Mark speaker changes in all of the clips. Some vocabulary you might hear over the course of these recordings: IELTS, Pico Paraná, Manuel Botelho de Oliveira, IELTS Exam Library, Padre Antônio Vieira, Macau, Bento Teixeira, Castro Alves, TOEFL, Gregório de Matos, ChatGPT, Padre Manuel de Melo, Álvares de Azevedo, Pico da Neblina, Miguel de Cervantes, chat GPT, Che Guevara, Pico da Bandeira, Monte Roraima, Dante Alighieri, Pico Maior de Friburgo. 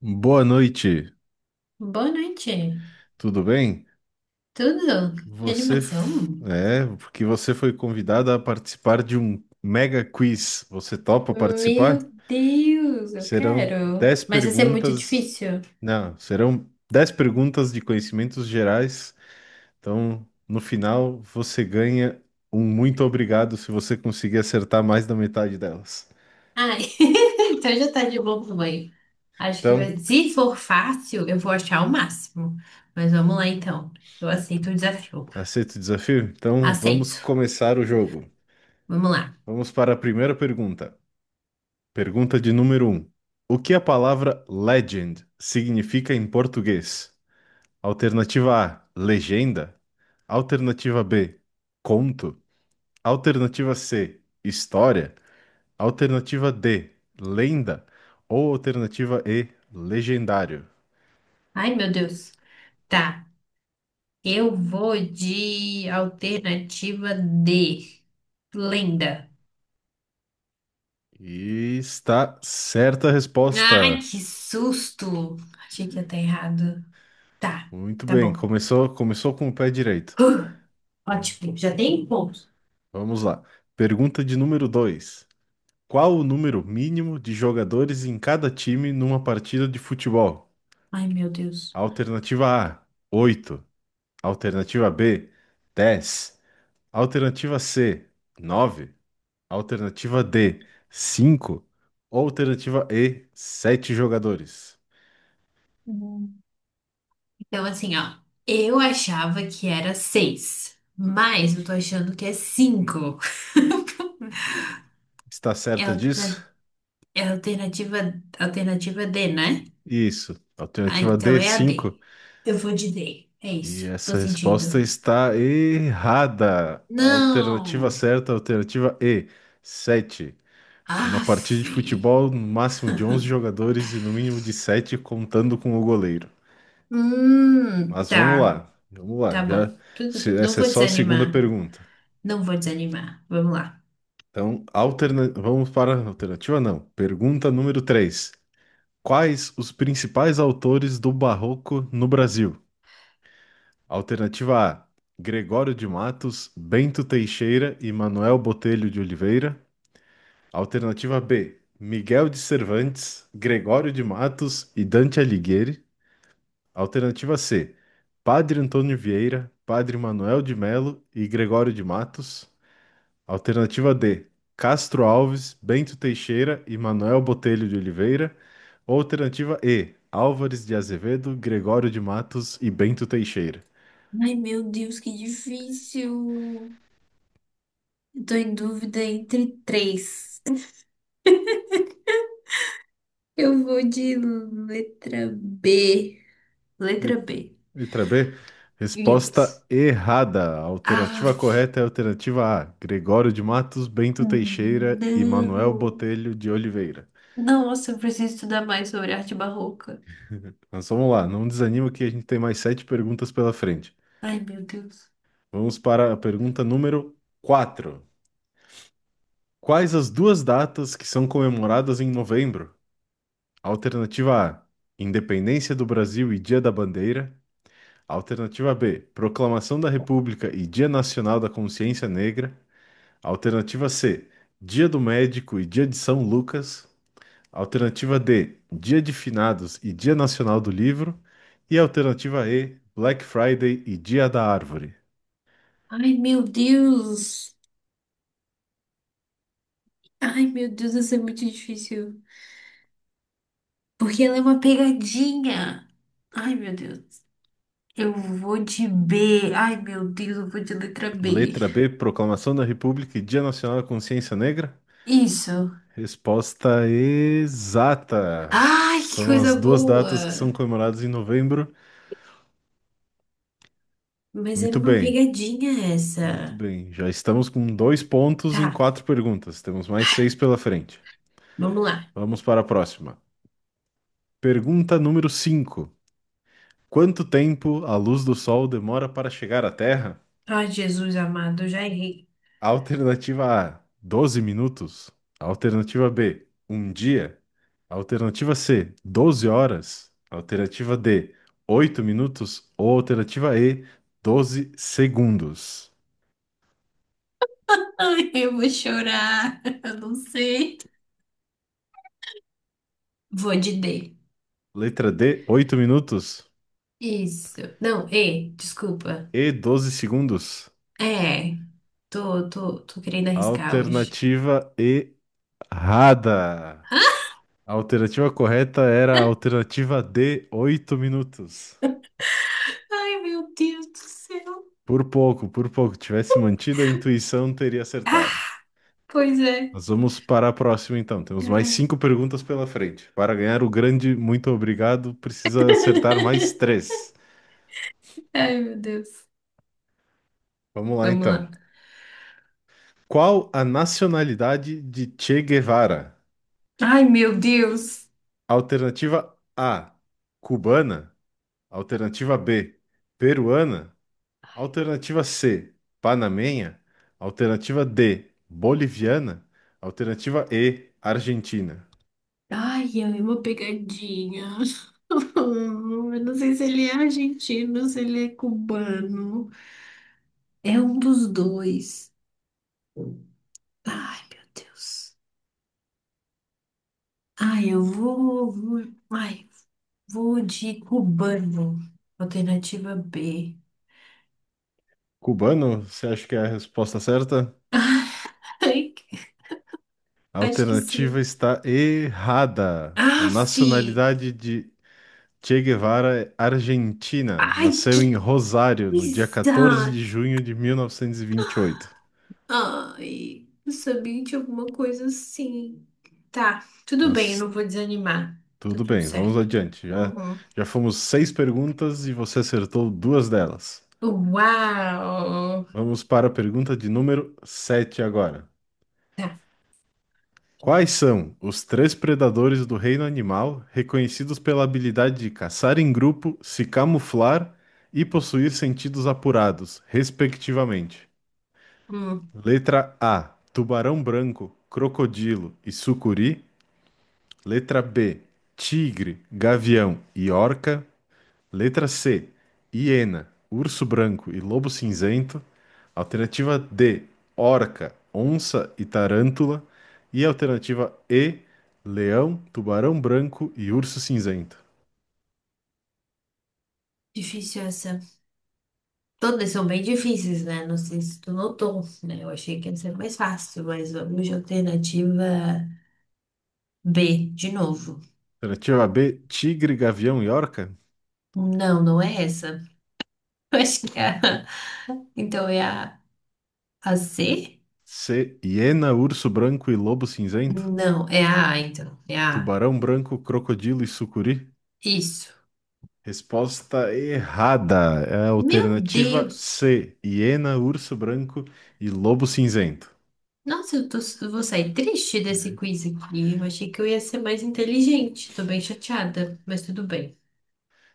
Speaker 1: Boa noite,
Speaker 2: Boa noite.
Speaker 1: tudo bem?
Speaker 2: Tudo? Que animação?
Speaker 1: É porque você foi convidada a participar de um mega quiz. Você topa participar?
Speaker 2: Meu Deus, eu
Speaker 1: Serão
Speaker 2: quero.
Speaker 1: 10
Speaker 2: Mas vai ser muito
Speaker 1: perguntas.
Speaker 2: difícil?
Speaker 1: Não, serão 10 perguntas de conhecimentos gerais. Então, no final, você ganha um muito obrigado se você conseguir acertar mais da metade delas.
Speaker 2: Ai, então já tá de bom tamanho. Acho que
Speaker 1: Então,
Speaker 2: se for fácil, eu vou achar o máximo. Mas vamos lá então. Eu aceito o desafio.
Speaker 1: aceita o desafio? Então, vamos
Speaker 2: Aceito.
Speaker 1: começar o jogo.
Speaker 2: Vamos lá.
Speaker 1: Vamos para a primeira pergunta. Pergunta de número um: o que a palavra legend significa em português? Alternativa A, legenda. Alternativa B, conto. Alternativa C, história. Alternativa D, lenda. Ou alternativa E, legendário.
Speaker 2: Ai, meu Deus. Tá. Eu vou de alternativa D. Lenda.
Speaker 1: E está certa a
Speaker 2: Ai,
Speaker 1: resposta.
Speaker 2: que susto! Achei que ia estar errado. Tá,
Speaker 1: Muito
Speaker 2: tá
Speaker 1: bem,
Speaker 2: bom.
Speaker 1: começou com o pé direito.
Speaker 2: Uh, ótimo, já tem pontos.
Speaker 1: Vamos lá. Pergunta de número 2. Qual o número mínimo de jogadores em cada time numa partida de futebol?
Speaker 2: Ai, meu Deus.
Speaker 1: Alternativa A, 8. Alternativa B, 10. Alternativa C, 9. Alternativa D, cinco. Ou Alternativa E, 7 jogadores.
Speaker 2: Uhum. Então, assim, ó. Eu achava que era seis, mas eu tô achando que é cinco.
Speaker 1: Está
Speaker 2: É a
Speaker 1: certa disso?
Speaker 2: alterna- é a alternativa D, né?
Speaker 1: Isso.
Speaker 2: Ah,
Speaker 1: Alternativa
Speaker 2: então
Speaker 1: D,
Speaker 2: é a
Speaker 1: 5.
Speaker 2: D. Eu vou de D. É
Speaker 1: E
Speaker 2: isso. Tô
Speaker 1: essa resposta
Speaker 2: sentindo.
Speaker 1: está errada. A Alternativa
Speaker 2: Não!
Speaker 1: certa, alternativa E, 7. Que uma
Speaker 2: Aff.
Speaker 1: partida de futebol, no máximo de 11 jogadores e no mínimo de 7 contando com o goleiro. Mas vamos
Speaker 2: Tá.
Speaker 1: lá, vamos lá.
Speaker 2: Tá bom.
Speaker 1: Já,
Speaker 2: Tudo-
Speaker 1: se-
Speaker 2: Não
Speaker 1: Essa é
Speaker 2: vou
Speaker 1: só a segunda
Speaker 2: desanimar.
Speaker 1: pergunta.
Speaker 2: Não vou desanimar. Vamos lá.
Speaker 1: Então, vamos para a alternativa, não. Pergunta número 3. Quais os principais autores do Barroco no Brasil? Alternativa A: Gregório de Matos, Bento Teixeira e Manuel Botelho de Oliveira. Alternativa B: Miguel de Cervantes, Gregório de Matos e Dante Alighieri. Alternativa C: Padre Antônio Vieira, Padre Manuel de Melo e Gregório de Matos. Alternativa D: Castro Alves, Bento Teixeira e Manuel Botelho de Oliveira. Alternativa E: Álvares de Azevedo, Gregório de Matos e Bento Teixeira.
Speaker 2: Ai, meu Deus, que difícil. Eu tô em dúvida entre três. Eu vou de letra B. Letra B.
Speaker 1: Lit- Letra B:
Speaker 2: Yes.
Speaker 1: resposta errada. A
Speaker 2: Ah,
Speaker 1: alternativa correta é a alternativa A: Gregório de Matos, Bento Teixeira e Manuel
Speaker 2: não.
Speaker 1: Botelho de Oliveira.
Speaker 2: Nossa, eu preciso estudar mais sobre arte barroca.
Speaker 1: Mas vamos lá, não desanima que a gente tem mais sete perguntas pela frente.
Speaker 2: Ai, meu Deus.
Speaker 1: Vamos para a pergunta número 4. Quais as duas datas que são comemoradas em novembro? Alternativa A: Independência do Brasil e Dia da Bandeira. Alternativa B: Proclamação da República e Dia Nacional da Consciência Negra. Alternativa C: Dia do Médico e Dia de São Lucas. Alternativa D: Dia de Finados e Dia Nacional do Livro. E alternativa E: Black Friday e Dia da Árvore.
Speaker 2: Ai, meu Deus. Ai, meu Deus, isso é muito difícil. Porque ela é uma pegadinha. Ai, meu Deus. Eu vou de B. Ai, meu Deus, eu vou de letra B.
Speaker 1: Letra B, Proclamação da República e Dia Nacional da Consciência Negra?
Speaker 2: Isso.
Speaker 1: Resposta exata.
Speaker 2: Ai, que
Speaker 1: São as
Speaker 2: coisa
Speaker 1: duas
Speaker 2: boa!
Speaker 1: datas que são comemoradas em novembro.
Speaker 2: Mas era
Speaker 1: Muito
Speaker 2: uma
Speaker 1: bem,
Speaker 2: pegadinha
Speaker 1: muito
Speaker 2: essa.
Speaker 1: bem. Já estamos com dois pontos
Speaker 2: Tá,
Speaker 1: em quatro perguntas. Temos mais seis pela frente.
Speaker 2: vamos lá.
Speaker 1: Vamos para a próxima. Pergunta número 5. Quanto tempo a luz do sol demora para chegar à Terra?
Speaker 2: Ai, Jesus amado, eu já errei.
Speaker 1: Alternativa A, 12 minutos. Alternativa B, um dia. Alternativa C, 12 horas. Alternativa D, 8 minutos. Ou alternativa E, 12 segundos.
Speaker 2: Ai, eu vou chorar. Eu não sei. Vou de D.
Speaker 1: Letra D, 8 minutos
Speaker 2: Isso. Não, E, desculpa.
Speaker 1: e 12 segundos.
Speaker 2: É, tô querendo arriscar hoje.
Speaker 1: Alternativa errada. A alternativa correta era a alternativa D, 8 minutos.
Speaker 2: Ai, meu Deus do céu.
Speaker 1: Por pouco, por pouco. Tivesse mantido a intuição, teria acertado.
Speaker 2: Pois é.
Speaker 1: Nós vamos para a próxima, então. Temos mais
Speaker 2: Ai,
Speaker 1: cinco perguntas pela frente. Para ganhar o grande muito obrigado, precisa acertar mais três.
Speaker 2: ai, meu Deus.
Speaker 1: Vamos lá,
Speaker 2: Vamos
Speaker 1: então.
Speaker 2: lá.
Speaker 1: Qual a nacionalidade de Che Guevara?
Speaker 2: Ai, meu Deus.
Speaker 1: Alternativa A, cubana. Alternativa B, peruana. Alternativa C, panamenha. Alternativa D, boliviana. Alternativa E, argentina.
Speaker 2: Ai, é uma pegadinha. Eu não sei se ele é argentino, se ele é cubano. É um dos dois. Ai, meu Deus. Ai, eu ai, vou de cubano. Alternativa B.
Speaker 1: Cubano, você acha que é a resposta certa?
Speaker 2: Ai,
Speaker 1: A
Speaker 2: acho que
Speaker 1: alternativa
Speaker 2: sim.
Speaker 1: está errada. A
Speaker 2: Aff!
Speaker 1: nacionalidade de Che Guevara é argentina.
Speaker 2: Ai, que
Speaker 1: Nasceu em Rosário no dia 14
Speaker 2: coisa!
Speaker 1: de junho de 1928.
Speaker 2: Ai, eu sabia de alguma coisa assim. Tá, tudo bem, eu
Speaker 1: Mas
Speaker 2: não vou desanimar. Tá
Speaker 1: tudo
Speaker 2: tudo
Speaker 1: bem, vamos
Speaker 2: certo.
Speaker 1: adiante. Já,
Speaker 2: Uhum.
Speaker 1: já fomos seis perguntas e você acertou duas delas.
Speaker 2: Uau!
Speaker 1: Vamos para a pergunta de número 7 agora.
Speaker 2: Tá.
Speaker 1: Quais são os três predadores do reino animal reconhecidos pela habilidade de caçar em grupo, se camuflar e possuir sentidos apurados, respectivamente?
Speaker 2: Hum,
Speaker 1: Letra A: tubarão branco, crocodilo e sucuri. Letra B: tigre, gavião e orca. Letra C, hiena, urso branco e lobo cinzento. Alternativa D, orca, onça e tarântula. E alternativa E, leão, tubarão branco e urso cinzento.
Speaker 2: difícil essa. Todas são bem difíceis, né? Não sei se tu notou, né? Eu achei que ia ser mais fácil, mas vamos de alternativa B, de novo.
Speaker 1: Alternativa B, tigre, gavião e orca.
Speaker 2: Não, não é essa. Eu acho que Então é a C?
Speaker 1: C, hiena, urso branco e lobo cinzento.
Speaker 2: Não, é a A, então. É a A.
Speaker 1: Tubarão branco, crocodilo e sucuri.
Speaker 2: Isso.
Speaker 1: Resposta errada. É a
Speaker 2: Meu
Speaker 1: alternativa
Speaker 2: Deus!
Speaker 1: C, hiena, urso branco e lobo cinzento.
Speaker 2: Nossa, eu vou sair triste desse quiz aqui. Eu achei que eu ia ser mais inteligente. Tô bem chateada, mas tudo bem.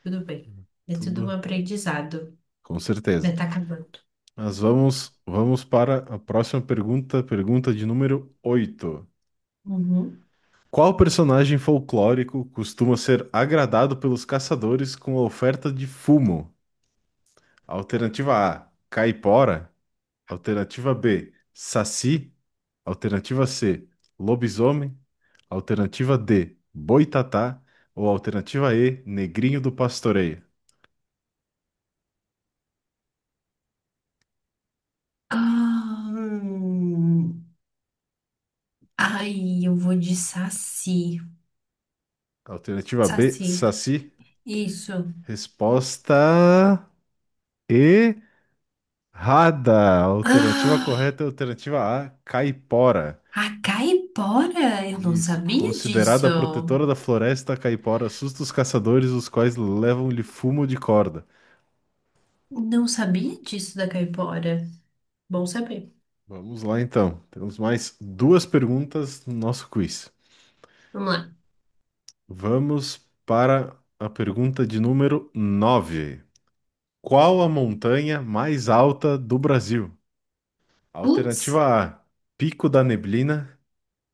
Speaker 2: Tudo bem. É tudo um
Speaker 1: Tudo
Speaker 2: aprendizado,
Speaker 1: com certeza.
Speaker 2: né? Tá acabando.
Speaker 1: Mas vamos para a próxima pergunta, pergunta de número 8.
Speaker 2: Uhum.
Speaker 1: Qual personagem folclórico costuma ser agradado pelos caçadores com a oferta de fumo? Alternativa A, caipora. Alternativa B, saci. Alternativa C, lobisomem. Alternativa D, boitatá. Ou alternativa E, negrinho do pastoreio.
Speaker 2: Ah. Ai, eu vou de saci.
Speaker 1: Alternativa B,
Speaker 2: Saci,
Speaker 1: saci.
Speaker 2: isso.
Speaker 1: Resposta E. Alternativa
Speaker 2: Ah,
Speaker 1: correta é a alternativa A, caipora.
Speaker 2: a caipora? Eu não
Speaker 1: Isso,
Speaker 2: sabia disso.
Speaker 1: considerada protetora da floresta, a caipora assusta os caçadores, os quais levam-lhe fumo de corda.
Speaker 2: Não sabia disso da caipora. Bom saber.
Speaker 1: Vamos lá então. Temos mais duas perguntas no nosso quiz.
Speaker 2: Vamos lá.
Speaker 1: Vamos para a pergunta de número 9. Qual a montanha mais alta do Brasil?
Speaker 2: Putz,
Speaker 1: Alternativa A, Pico da Neblina.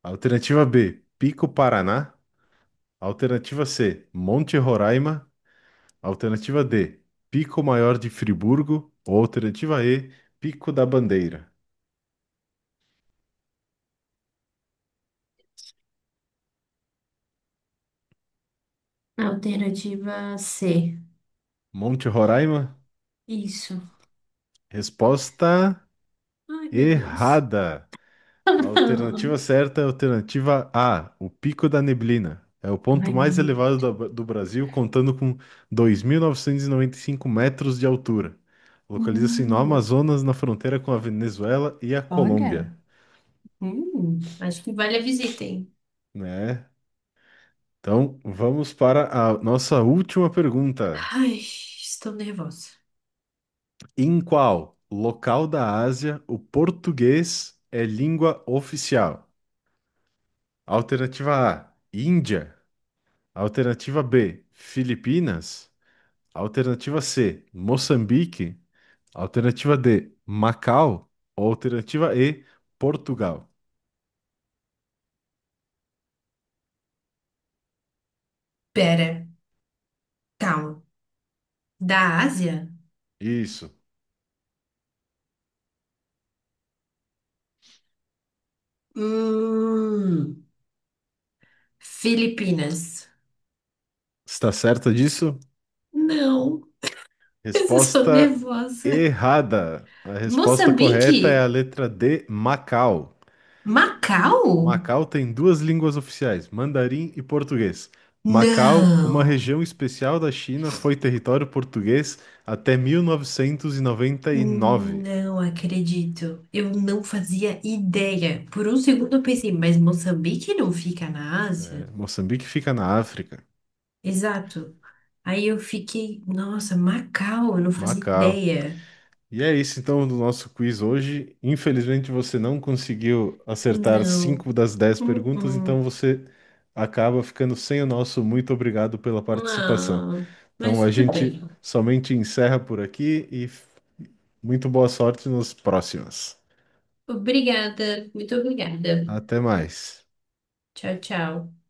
Speaker 1: Alternativa B, Pico Paraná. Alternativa C, Monte Roraima. Alternativa D, Pico Maior de Friburgo. Ou alternativa E, Pico da Bandeira.
Speaker 2: alternativa C.
Speaker 1: Monte Roraima?
Speaker 2: Isso.
Speaker 1: Resposta
Speaker 2: Ai, meu Deus.
Speaker 1: errada. A alternativa certa é a alternativa A, o Pico da Neblina. É o ponto
Speaker 2: Ai,
Speaker 1: mais
Speaker 2: meu.
Speaker 1: elevado do Brasil, contando com dois mil novecentos e noventa e cinco metros de altura. Localiza-se no
Speaker 2: Hum,
Speaker 1: Amazonas, na fronteira com a Venezuela e a Colômbia,
Speaker 2: olha. Acho que vale a visita, hein?
Speaker 1: né? Então, vamos para a nossa última pergunta.
Speaker 2: Ai, estou nervosa.
Speaker 1: Em qual local da Ásia o português é língua oficial? Alternativa A, Índia. Alternativa B, Filipinas. Alternativa C, Moçambique. Alternativa D, Macau. Alternativa E, Portugal.
Speaker 2: Pera, calma. Da Ásia?
Speaker 1: Isso.
Speaker 2: Hum, Filipinas.
Speaker 1: Está certa disso?
Speaker 2: Não, eu sou
Speaker 1: Resposta
Speaker 2: nervosa.
Speaker 1: errada. A resposta correta é a
Speaker 2: Moçambique?
Speaker 1: letra D, Macau.
Speaker 2: Macau?
Speaker 1: Macau tem duas línguas oficiais, mandarim e português. Macau, uma
Speaker 2: Não.
Speaker 1: região especial da China, foi território português até 1999.
Speaker 2: Não acredito. Eu não fazia ideia. Por um segundo eu pensei, mas Moçambique não fica na
Speaker 1: É,
Speaker 2: Ásia?
Speaker 1: Moçambique fica na África.
Speaker 2: Exato. Aí eu fiquei, nossa, Macau, eu não fazia
Speaker 1: Macau.
Speaker 2: ideia.
Speaker 1: E é isso então do nosso quiz hoje. Infelizmente você não conseguiu acertar
Speaker 2: Não.
Speaker 1: cinco das dez perguntas,
Speaker 2: Uh-uh.
Speaker 1: então você acaba ficando sem o nosso muito obrigado pela participação.
Speaker 2: Não.
Speaker 1: Então a
Speaker 2: Mas tudo
Speaker 1: gente
Speaker 2: bem.
Speaker 1: somente encerra por aqui e muito boa sorte nos próximos.
Speaker 2: Obrigada. Muito obrigada.
Speaker 1: Até mais.
Speaker 2: Tchau, tchau.